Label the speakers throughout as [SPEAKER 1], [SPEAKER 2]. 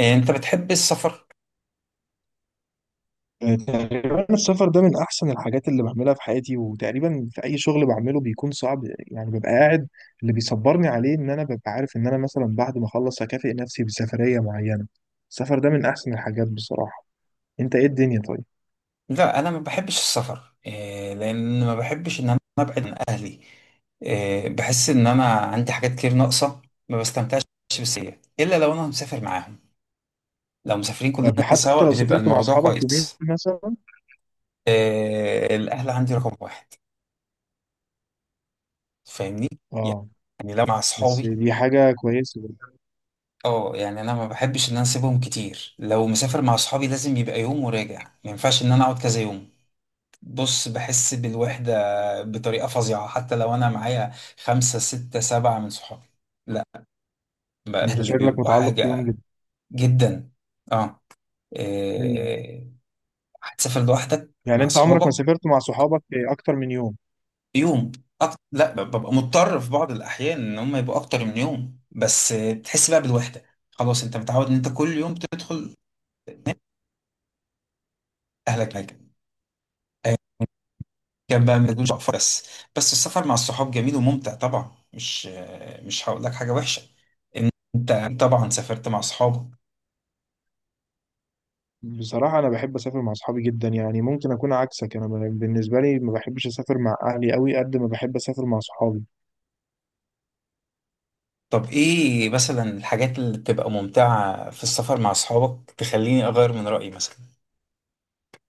[SPEAKER 1] إيه، انت بتحب السفر؟
[SPEAKER 2] تقريبا السفر ده من احسن الحاجات اللي بعملها في حياتي، وتقريبا في اي شغل بعمله بيكون صعب. يعني ببقى قاعد، اللي بيصبرني عليه ان انا ببقى عارف ان انا مثلا بعد ما اخلص هكافئ نفسي بسفرية معينة. السفر ده من احسن الحاجات بصراحة. انت ايه الدنيا طيب؟
[SPEAKER 1] لا، انا ما بحبش السفر. إيه، لان ما بحبش ان انا ابعد عن اهلي. إيه، بحس ان انا عندي حاجات كتير ناقصه، ما بستمتعش بالسفرية الا لو انا مسافر معاهم. لو مسافرين كلنا
[SPEAKER 2] طب حتى
[SPEAKER 1] سوا،
[SPEAKER 2] لو
[SPEAKER 1] بتبقى
[SPEAKER 2] سافرت مع
[SPEAKER 1] الموضوع
[SPEAKER 2] اصحابك يومين
[SPEAKER 1] كويس.
[SPEAKER 2] مثلا.
[SPEAKER 1] إيه، الاهل عندي رقم واحد. فاهمني؟
[SPEAKER 2] اه،
[SPEAKER 1] يعني لو مع
[SPEAKER 2] بس
[SPEAKER 1] اصحابي،
[SPEAKER 2] دي حاجة كويسة.
[SPEAKER 1] اه يعني انا ما بحبش ان انا اسيبهم كتير. لو مسافر مع اصحابي لازم يبقى يوم وراجع، ما ينفعش ان انا اقعد كذا يوم. بص، بحس بالوحدة بطريقة فظيعة حتى لو أنا معايا خمسة ستة سبعة من صحابي. لا، بقى
[SPEAKER 2] انت
[SPEAKER 1] اللي
[SPEAKER 2] شكلك
[SPEAKER 1] بيبقوا
[SPEAKER 2] متعلق بيهم
[SPEAKER 1] حاجة
[SPEAKER 2] جدا.
[SPEAKER 1] جدا. اه،
[SPEAKER 2] مم.
[SPEAKER 1] إيه، هتسافر لوحدك
[SPEAKER 2] يعني
[SPEAKER 1] مع
[SPEAKER 2] انت عمرك ما
[SPEAKER 1] صحابك؟
[SPEAKER 2] سافرت مع صحابك اكتر من يوم؟
[SPEAKER 1] يوم. أك... لا ب- ببقى مضطر في بعض الأحيان إن هم يبقوا أكتر من يوم، بس بتحس بقى بالوحدة. خلاص، أنت متعود إن أنت كل يوم تدخل أهلك حاجة. كان بقى ما تقولش اقفر، بس. بس السفر مع الصحاب جميل وممتع طبعا. مش هقول لك حاجه وحشه. انت طبعا سافرت مع اصحابك.
[SPEAKER 2] بصراحة أنا بحب أسافر مع أصحابي جدا. يعني ممكن أكون عكسك، أنا بالنسبة لي ما بحبش أسافر مع أهلي أوي، قد ما بحب أسافر مع صحابي.
[SPEAKER 1] طب ايه مثلا الحاجات اللي بتبقى ممتعه في السفر مع اصحابك تخليني اغير من رايي مثلا؟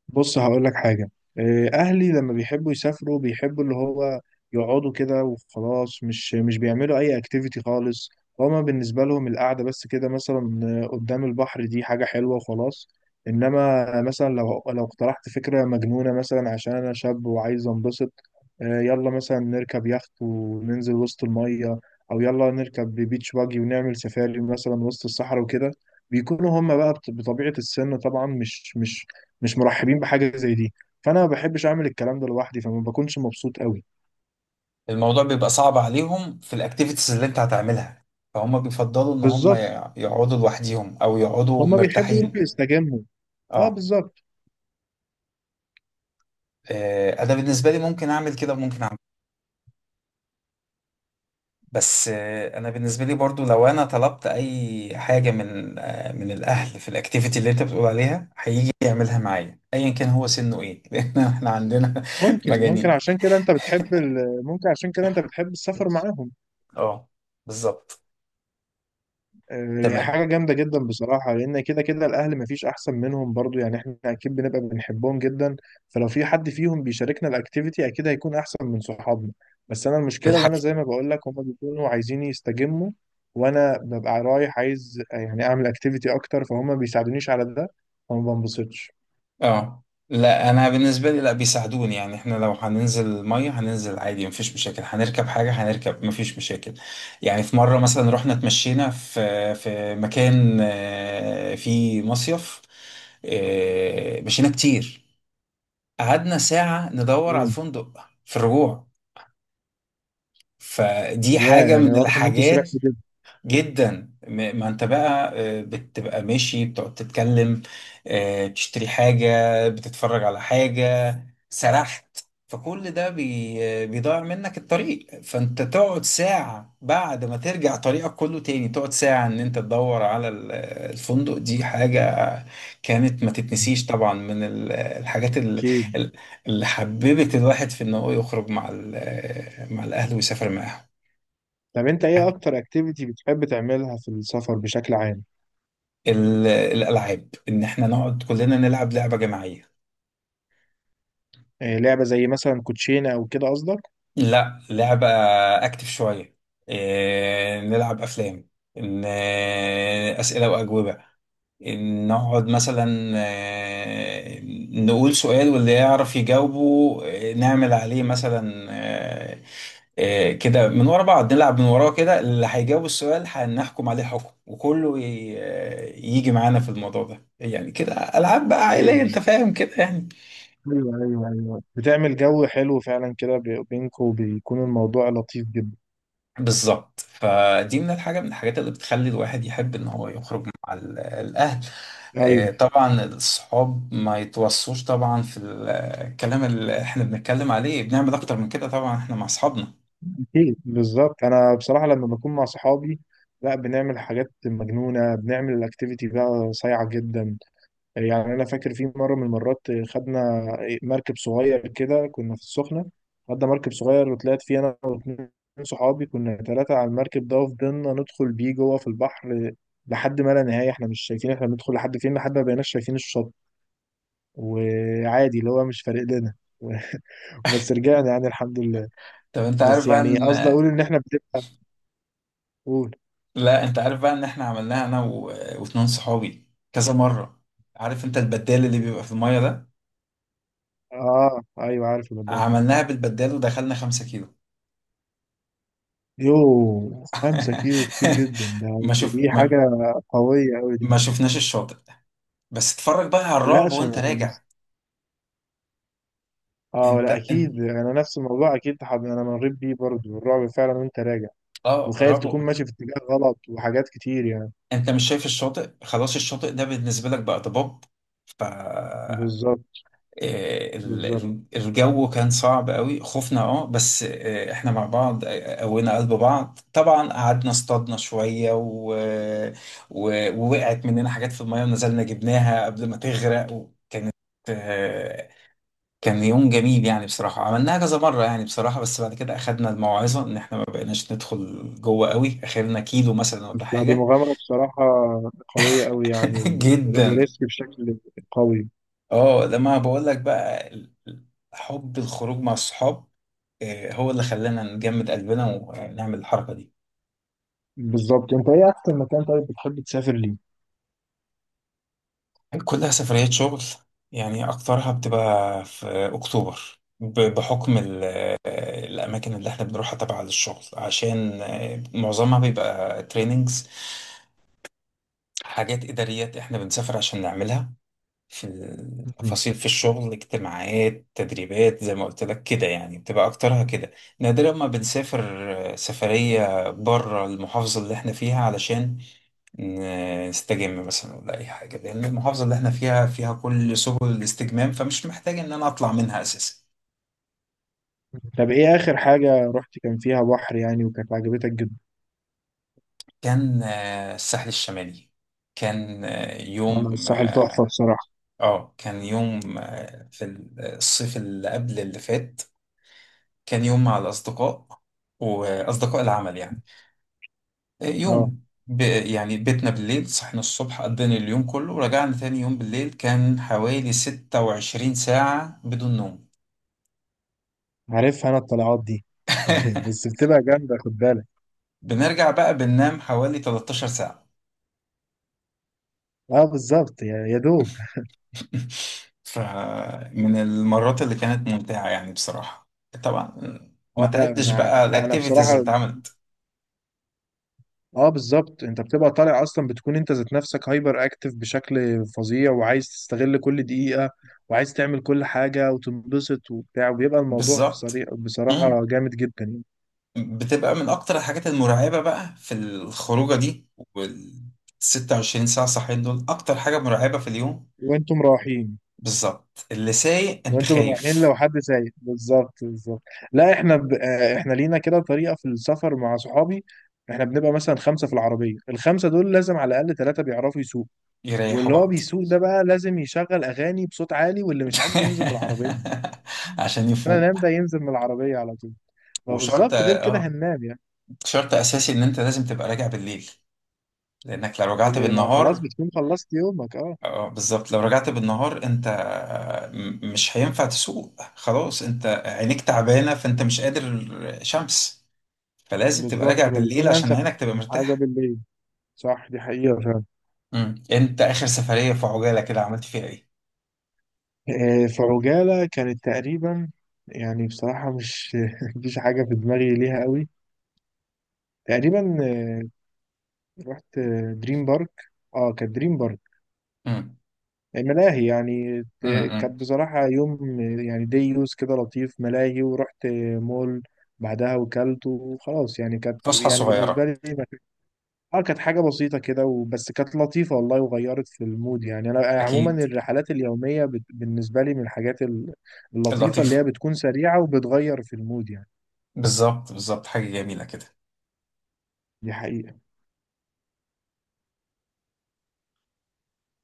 [SPEAKER 2] بص هقول لك حاجة. أهلي لما بيحبوا يسافروا بيحبوا اللي هو يقعدوا كده وخلاص، مش بيعملوا أي أكتيفيتي خالص. هما بالنسبة لهم القعدة بس كده، مثلا قدام البحر، دي حاجة حلوة وخلاص. إنما مثلا لو اقترحت فكرة مجنونة، مثلا عشان أنا شاب وعايز أنبسط، يلا مثلا نركب يخت وننزل وسط المية، أو يلا نركب بيتش باجي ونعمل سفاري مثلا وسط الصحراء وكده. بيكونوا هم بقى بطبيعة السن طبعا مش مرحبين بحاجه زي دي. فانا ما بحبش اعمل الكلام ده لوحدي، فما بكونش مبسوط قوي.
[SPEAKER 1] الموضوع بيبقى صعب عليهم في الاكتيفيتيز اللي انت هتعملها، فهم بيفضلوا ان هم
[SPEAKER 2] بالظبط،
[SPEAKER 1] يقعدوا لوحديهم او يقعدوا
[SPEAKER 2] هما بيحبوا يروحوا
[SPEAKER 1] مرتاحين.
[SPEAKER 2] يستجموا. اه
[SPEAKER 1] اه،
[SPEAKER 2] بالظبط.
[SPEAKER 1] انا بالنسبه لي ممكن اعمل كده وممكن. بس انا بالنسبه لي برضو لو انا طلبت اي حاجه من من الاهل في الاكتيفيتي اللي انت بتقول عليها، هيجي يعملها معايا ايا كان هو سنه ايه. لان احنا عندنا
[SPEAKER 2] ممكن
[SPEAKER 1] مجانين.
[SPEAKER 2] عشان كده انت بتحب ممكن عشان كده انت بتحب السفر معاهم.
[SPEAKER 1] اه، بالظبط. تمام.
[SPEAKER 2] حاجة جامدة جدا بصراحة، لأن كده كده الأهل مفيش أحسن منهم برضو، يعني إحنا أكيد بنبقى بنحبهم جدا. فلو في حد فيهم بيشاركنا الأكتيفيتي أكيد هيكون أحسن من صحابنا. بس أنا المشكلة اللي أنا
[SPEAKER 1] الحاجه،
[SPEAKER 2] زي ما بقول لك، هما بيكونوا عايزين يستجموا، وأنا ببقى رايح عايز يعني أعمل أكتيفيتي أكتر، فهم ما بيساعدونيش على ده، فما بنبسطش.
[SPEAKER 1] اه لا انا بالنسبه لي لا بيساعدوني. يعني احنا لو هننزل ميه هننزل عادي مفيش مشاكل، هنركب حاجه هنركب مفيش مشاكل. يعني في مره مثلا رحنا اتمشينا في مكان فيه مصيف. مشينا كتير، قعدنا ساعه ندور على
[SPEAKER 2] امم.
[SPEAKER 1] الفندق في الرجوع. فدي
[SPEAKER 2] يا
[SPEAKER 1] حاجه
[SPEAKER 2] يعني
[SPEAKER 1] من
[SPEAKER 2] واضح إن أنتوا
[SPEAKER 1] الحاجات.
[SPEAKER 2] سرحتوا جدا.
[SPEAKER 1] جدا. ما انت بقى بتبقى ماشي، بتقعد تتكلم، تشتري حاجة، بتتفرج على حاجة، سرحت، فكل ده بي آه، بيضيع منك الطريق، فانت تقعد ساعة بعد ما ترجع طريقك كله تاني، تقعد ساعة ان انت تدور على الفندق. دي حاجة كانت ما تتنسيش طبعا من الحاجات
[SPEAKER 2] أكيد.
[SPEAKER 1] ال- اللي حببت الواحد في انه يخرج مع مع الاهل ويسافر معاهم.
[SPEAKER 2] طب أنت إيه أكتر أكتيفيتي بتحب تعملها في السفر بشكل عام؟
[SPEAKER 1] الالعاب، ان احنا نقعد كلنا نلعب لعبه جماعيه.
[SPEAKER 2] لعبة زي مثلا كوتشينة أو كده قصدك؟
[SPEAKER 1] لا، لعبه اكتف شويه. إيه، نلعب افلام، إن إيه، اسئله واجوبه، إن نقعد مثلا، إيه، نقول سؤال واللي يعرف يجاوبه. إيه، نعمل عليه مثلا، إيه، إيه، كده من ورا بعض. نلعب من وراه كده، اللي هيجاوب السؤال هنحكم عليه حكم وكله يجي معانا في الموضوع ده. يعني كده ألعاب بقى عائلية،
[SPEAKER 2] أيوه.
[SPEAKER 1] أنت فاهم كده يعني.
[SPEAKER 2] ايوه ايوه ايوه، بتعمل جو حلو فعلا كده بينكم، وبيكون الموضوع لطيف جدا.
[SPEAKER 1] بالظبط، فدي من الحاجات اللي بتخلي الواحد يحب إن هو يخرج مع الأهل.
[SPEAKER 2] ايوه.
[SPEAKER 1] طبعا الصحاب ما يتوصوش طبعا في الكلام اللي احنا بنتكلم عليه، بنعمل أكتر من كده طبعا احنا مع أصحابنا.
[SPEAKER 2] اكيد بالظبط. انا بصراحه لما بكون مع صحابي لا، بنعمل حاجات مجنونه، بنعمل الاكتيفيتي بقى صايعه جدا. يعني انا فاكر في مره من المرات خدنا مركب صغير كده، كنا في السخنه. خدنا مركب صغير وطلعت فيه انا واتنين صحابي، كنا ثلاثه على المركب ده، وفضلنا ندخل بيه جوه في البحر لحد ما لا نهايه، احنا مش شايفين احنا بندخل لحد فين، لحد ما بقيناش شايفين الشط، وعادي اللي هو مش فارق لنا. بس رجعنا يعني الحمد لله.
[SPEAKER 1] طب أنت عارف
[SPEAKER 2] بس
[SPEAKER 1] بقى
[SPEAKER 2] يعني
[SPEAKER 1] إن،
[SPEAKER 2] قصدي اقول ان احنا بنقول.
[SPEAKER 1] لا أنت عارف بقى إن احنا عملناها أنا واتنين صحابي كذا مرة. عارف أنت البدال اللي بيبقى في المية ده؟
[SPEAKER 2] اه ايوه عارف الموضوع ده.
[SPEAKER 1] عملناها بالبدال ودخلنا 5 كيلو.
[SPEAKER 2] يو، خمسة كيلو كتير جدا ده،
[SPEAKER 1] ما شوف
[SPEAKER 2] دي حاجة
[SPEAKER 1] ما,
[SPEAKER 2] قوية أوي دي.
[SPEAKER 1] ما شفناش الشاطئ. بس اتفرج بقى على
[SPEAKER 2] لا
[SPEAKER 1] الرعب وانت
[SPEAKER 2] عشان،
[SPEAKER 1] راجع.
[SPEAKER 2] اه
[SPEAKER 1] انت
[SPEAKER 2] لا
[SPEAKER 1] انت
[SPEAKER 2] أكيد أنا نفس الموضوع أكيد أنا مريت بيه برضه الرعب فعلا وأنت راجع،
[SPEAKER 1] اه
[SPEAKER 2] وخايف تكون
[SPEAKER 1] رابع.
[SPEAKER 2] ماشي في اتجاه غلط وحاجات كتير يعني.
[SPEAKER 1] انت مش شايف الشاطئ، خلاص الشاطئ ده بالنسبه لك بقى ضباب. ف
[SPEAKER 2] بالظبط بالظبط.
[SPEAKER 1] الجو كان صعب قوي، خفنا اه، بس احنا مع بعض، قوينا قلب بعض طبعا، قعدنا اصطادنا شويه و... ووقعت مننا حاجات في الميه ونزلنا جبناها قبل ما تغرق. وكانت آه، كان يوم جميل يعني بصراحة. عملناها كذا مرة يعني بصراحة، بس بعد كده أخدنا الموعظة إن إحنا ما بقيناش ندخل جوه قوي، آخرنا 1 كيلو مثلا ولا
[SPEAKER 2] بس دي
[SPEAKER 1] حاجة.
[SPEAKER 2] مغامرة بصراحة قوية أوي يعني
[SPEAKER 1] جدا.
[SPEAKER 2] وريسك بشكل قوي.
[SPEAKER 1] اه لما بقول لك بقى حب الخروج مع الصحاب، هو اللي خلانا نجمد قلبنا ونعمل الحركة دي.
[SPEAKER 2] بالظبط. انت ايه احسن مكان طيب بتحب تسافر ليه؟
[SPEAKER 1] كلها سفريات شغل، يعني أكترها بتبقى في أكتوبر بحكم الأماكن اللي إحنا بنروحها تبع للشغل، عشان معظمها بيبقى تريننجز. حاجات إداريات إحنا بنسافر عشان نعملها في
[SPEAKER 2] مهم.
[SPEAKER 1] التفاصيل في الشغل، اجتماعات تدريبات زي ما قلت لك كده، يعني بتبقى أكترها كده. نادرا ما بنسافر سفرية بره المحافظة اللي إحنا فيها علشان نستجم مثلا ولا أي حاجة، لأن المحافظة اللي إحنا فيها فيها كل سبل الاستجمام، فمش محتاج إن أنا أطلع منها أساسا.
[SPEAKER 2] طب ايه اخر حاجة رحت كان فيها بحر يعني وكانت عجبتك جدا؟
[SPEAKER 1] كان الساحل الشمالي، كان
[SPEAKER 2] انا
[SPEAKER 1] يوم،
[SPEAKER 2] الساحل تحفة
[SPEAKER 1] اه
[SPEAKER 2] بصراحة.
[SPEAKER 1] كان يوم في الصيف اللي قبل اللي فات. كان يوم مع الأصدقاء وأصدقاء العمل يعني.
[SPEAKER 2] اه
[SPEAKER 1] يوم يعني بيتنا بالليل، صحنا الصبح، قضينا اليوم كله، ورجعنا تاني يوم بالليل. كان حوالي 26 ساعة بدون نوم.
[SPEAKER 2] عارفها انا الطلعات دي. بس بتبقى جامدة خد بالك.
[SPEAKER 1] بنرجع بقى بننام حوالي 13 ساعة.
[SPEAKER 2] اه بالظبط، يا يا دوب.
[SPEAKER 1] فمن المرات اللي كانت ممتعة يعني بصراحة. طبعا ما
[SPEAKER 2] اه لا
[SPEAKER 1] تعدش
[SPEAKER 2] انا،
[SPEAKER 1] بقى
[SPEAKER 2] انا
[SPEAKER 1] الأكتيفيتيز اللي
[SPEAKER 2] بصراحة
[SPEAKER 1] اتعملت.
[SPEAKER 2] اه بالظبط، انت بتبقى طالع اصلا بتكون انت ذات نفسك هايبر اكتف بشكل فظيع، وعايز تستغل كل دقيقة، وعايز تعمل كل حاجة وتنبسط وبتاع، وبيبقى الموضوع في
[SPEAKER 1] بالظبط،
[SPEAKER 2] صريح بصراحة جامد جدا يعني.
[SPEAKER 1] بتبقى من اكتر الحاجات المرعبة بقى في الخروجة دي. وال 26 ساعة صاحيين دول اكتر حاجة مرعبة في اليوم.
[SPEAKER 2] وانتم رايحين،
[SPEAKER 1] بالظبط، اللي سايق انت
[SPEAKER 2] وانتم رايحين
[SPEAKER 1] خايف.
[SPEAKER 2] لو حد سايق، بالظبط بالظبط. لا احنا ب... آه، احنا لينا كده طريقه في السفر مع صحابي. احنا بنبقى مثلا خمسه في العربيه، الخمسه دول لازم على الاقل ثلاثه بيعرفوا يسوق.
[SPEAKER 1] يريحوا
[SPEAKER 2] واللي هو
[SPEAKER 1] بعض.
[SPEAKER 2] بيسوق ده بقى لازم يشغل اغاني بصوت عالي، واللي مش عاجبه ينزل من العربيه.
[SPEAKER 1] عشان
[SPEAKER 2] انا نام
[SPEAKER 1] يفوق.
[SPEAKER 2] ده ينزل من العربيه على طول. ما
[SPEAKER 1] وشرط،
[SPEAKER 2] بالظبط، غير كده
[SPEAKER 1] اه،
[SPEAKER 2] هننام يعني.
[SPEAKER 1] شرط اساسي ان انت لازم تبقى راجع بالليل، لانك لو رجعت
[SPEAKER 2] ما هو خلاص
[SPEAKER 1] بالنهار،
[SPEAKER 2] بتكون خلصت يومك اه.
[SPEAKER 1] اه بالظبط. لو رجعت بالنهار انت مش هينفع تسوق، خلاص انت عينيك تعبانة، فانت مش قادر. شمس. فلازم تبقى
[SPEAKER 2] بالظبط،
[SPEAKER 1] راجع بالليل
[SPEAKER 2] فبيكون
[SPEAKER 1] عشان
[SPEAKER 2] انسب
[SPEAKER 1] عينك تبقى
[SPEAKER 2] حاجه
[SPEAKER 1] مرتاحة.
[SPEAKER 2] بالليل. صح دي حقيقه فعلا.
[SPEAKER 1] امم، انت اخر سفرية في عجالة كده عملت فيها ايه؟
[SPEAKER 2] فعجالة كانت تقريبا، يعني بصراحة مش مفيش حاجة في دماغي ليها قوي. تقريبا آه، رحت دريم بارك. اه كانت دريم بارك.
[SPEAKER 1] امم،
[SPEAKER 2] ملاهي يعني
[SPEAKER 1] امم،
[SPEAKER 2] كانت بصراحة يوم، يعني دي يوز كده لطيف، ملاهي، ورحت مول بعدها وكلت وخلاص، يعني كانت
[SPEAKER 1] فسحة
[SPEAKER 2] يعني بالنسبة
[SPEAKER 1] صغيرة.
[SPEAKER 2] لي اه كانت حاجة بسيطة كده وبس، كانت لطيفة والله وغيرت في المود يعني. أنا عموما
[SPEAKER 1] اكيد،
[SPEAKER 2] الرحلات اليومية بالنسبة لي من الحاجات اللطيفة، اللي هي
[SPEAKER 1] لطيفة.
[SPEAKER 2] بتكون سريعة وبتغير في المود يعني.
[SPEAKER 1] بالظبط بالظبط، حاجة جميلة كده.
[SPEAKER 2] دي حقيقة.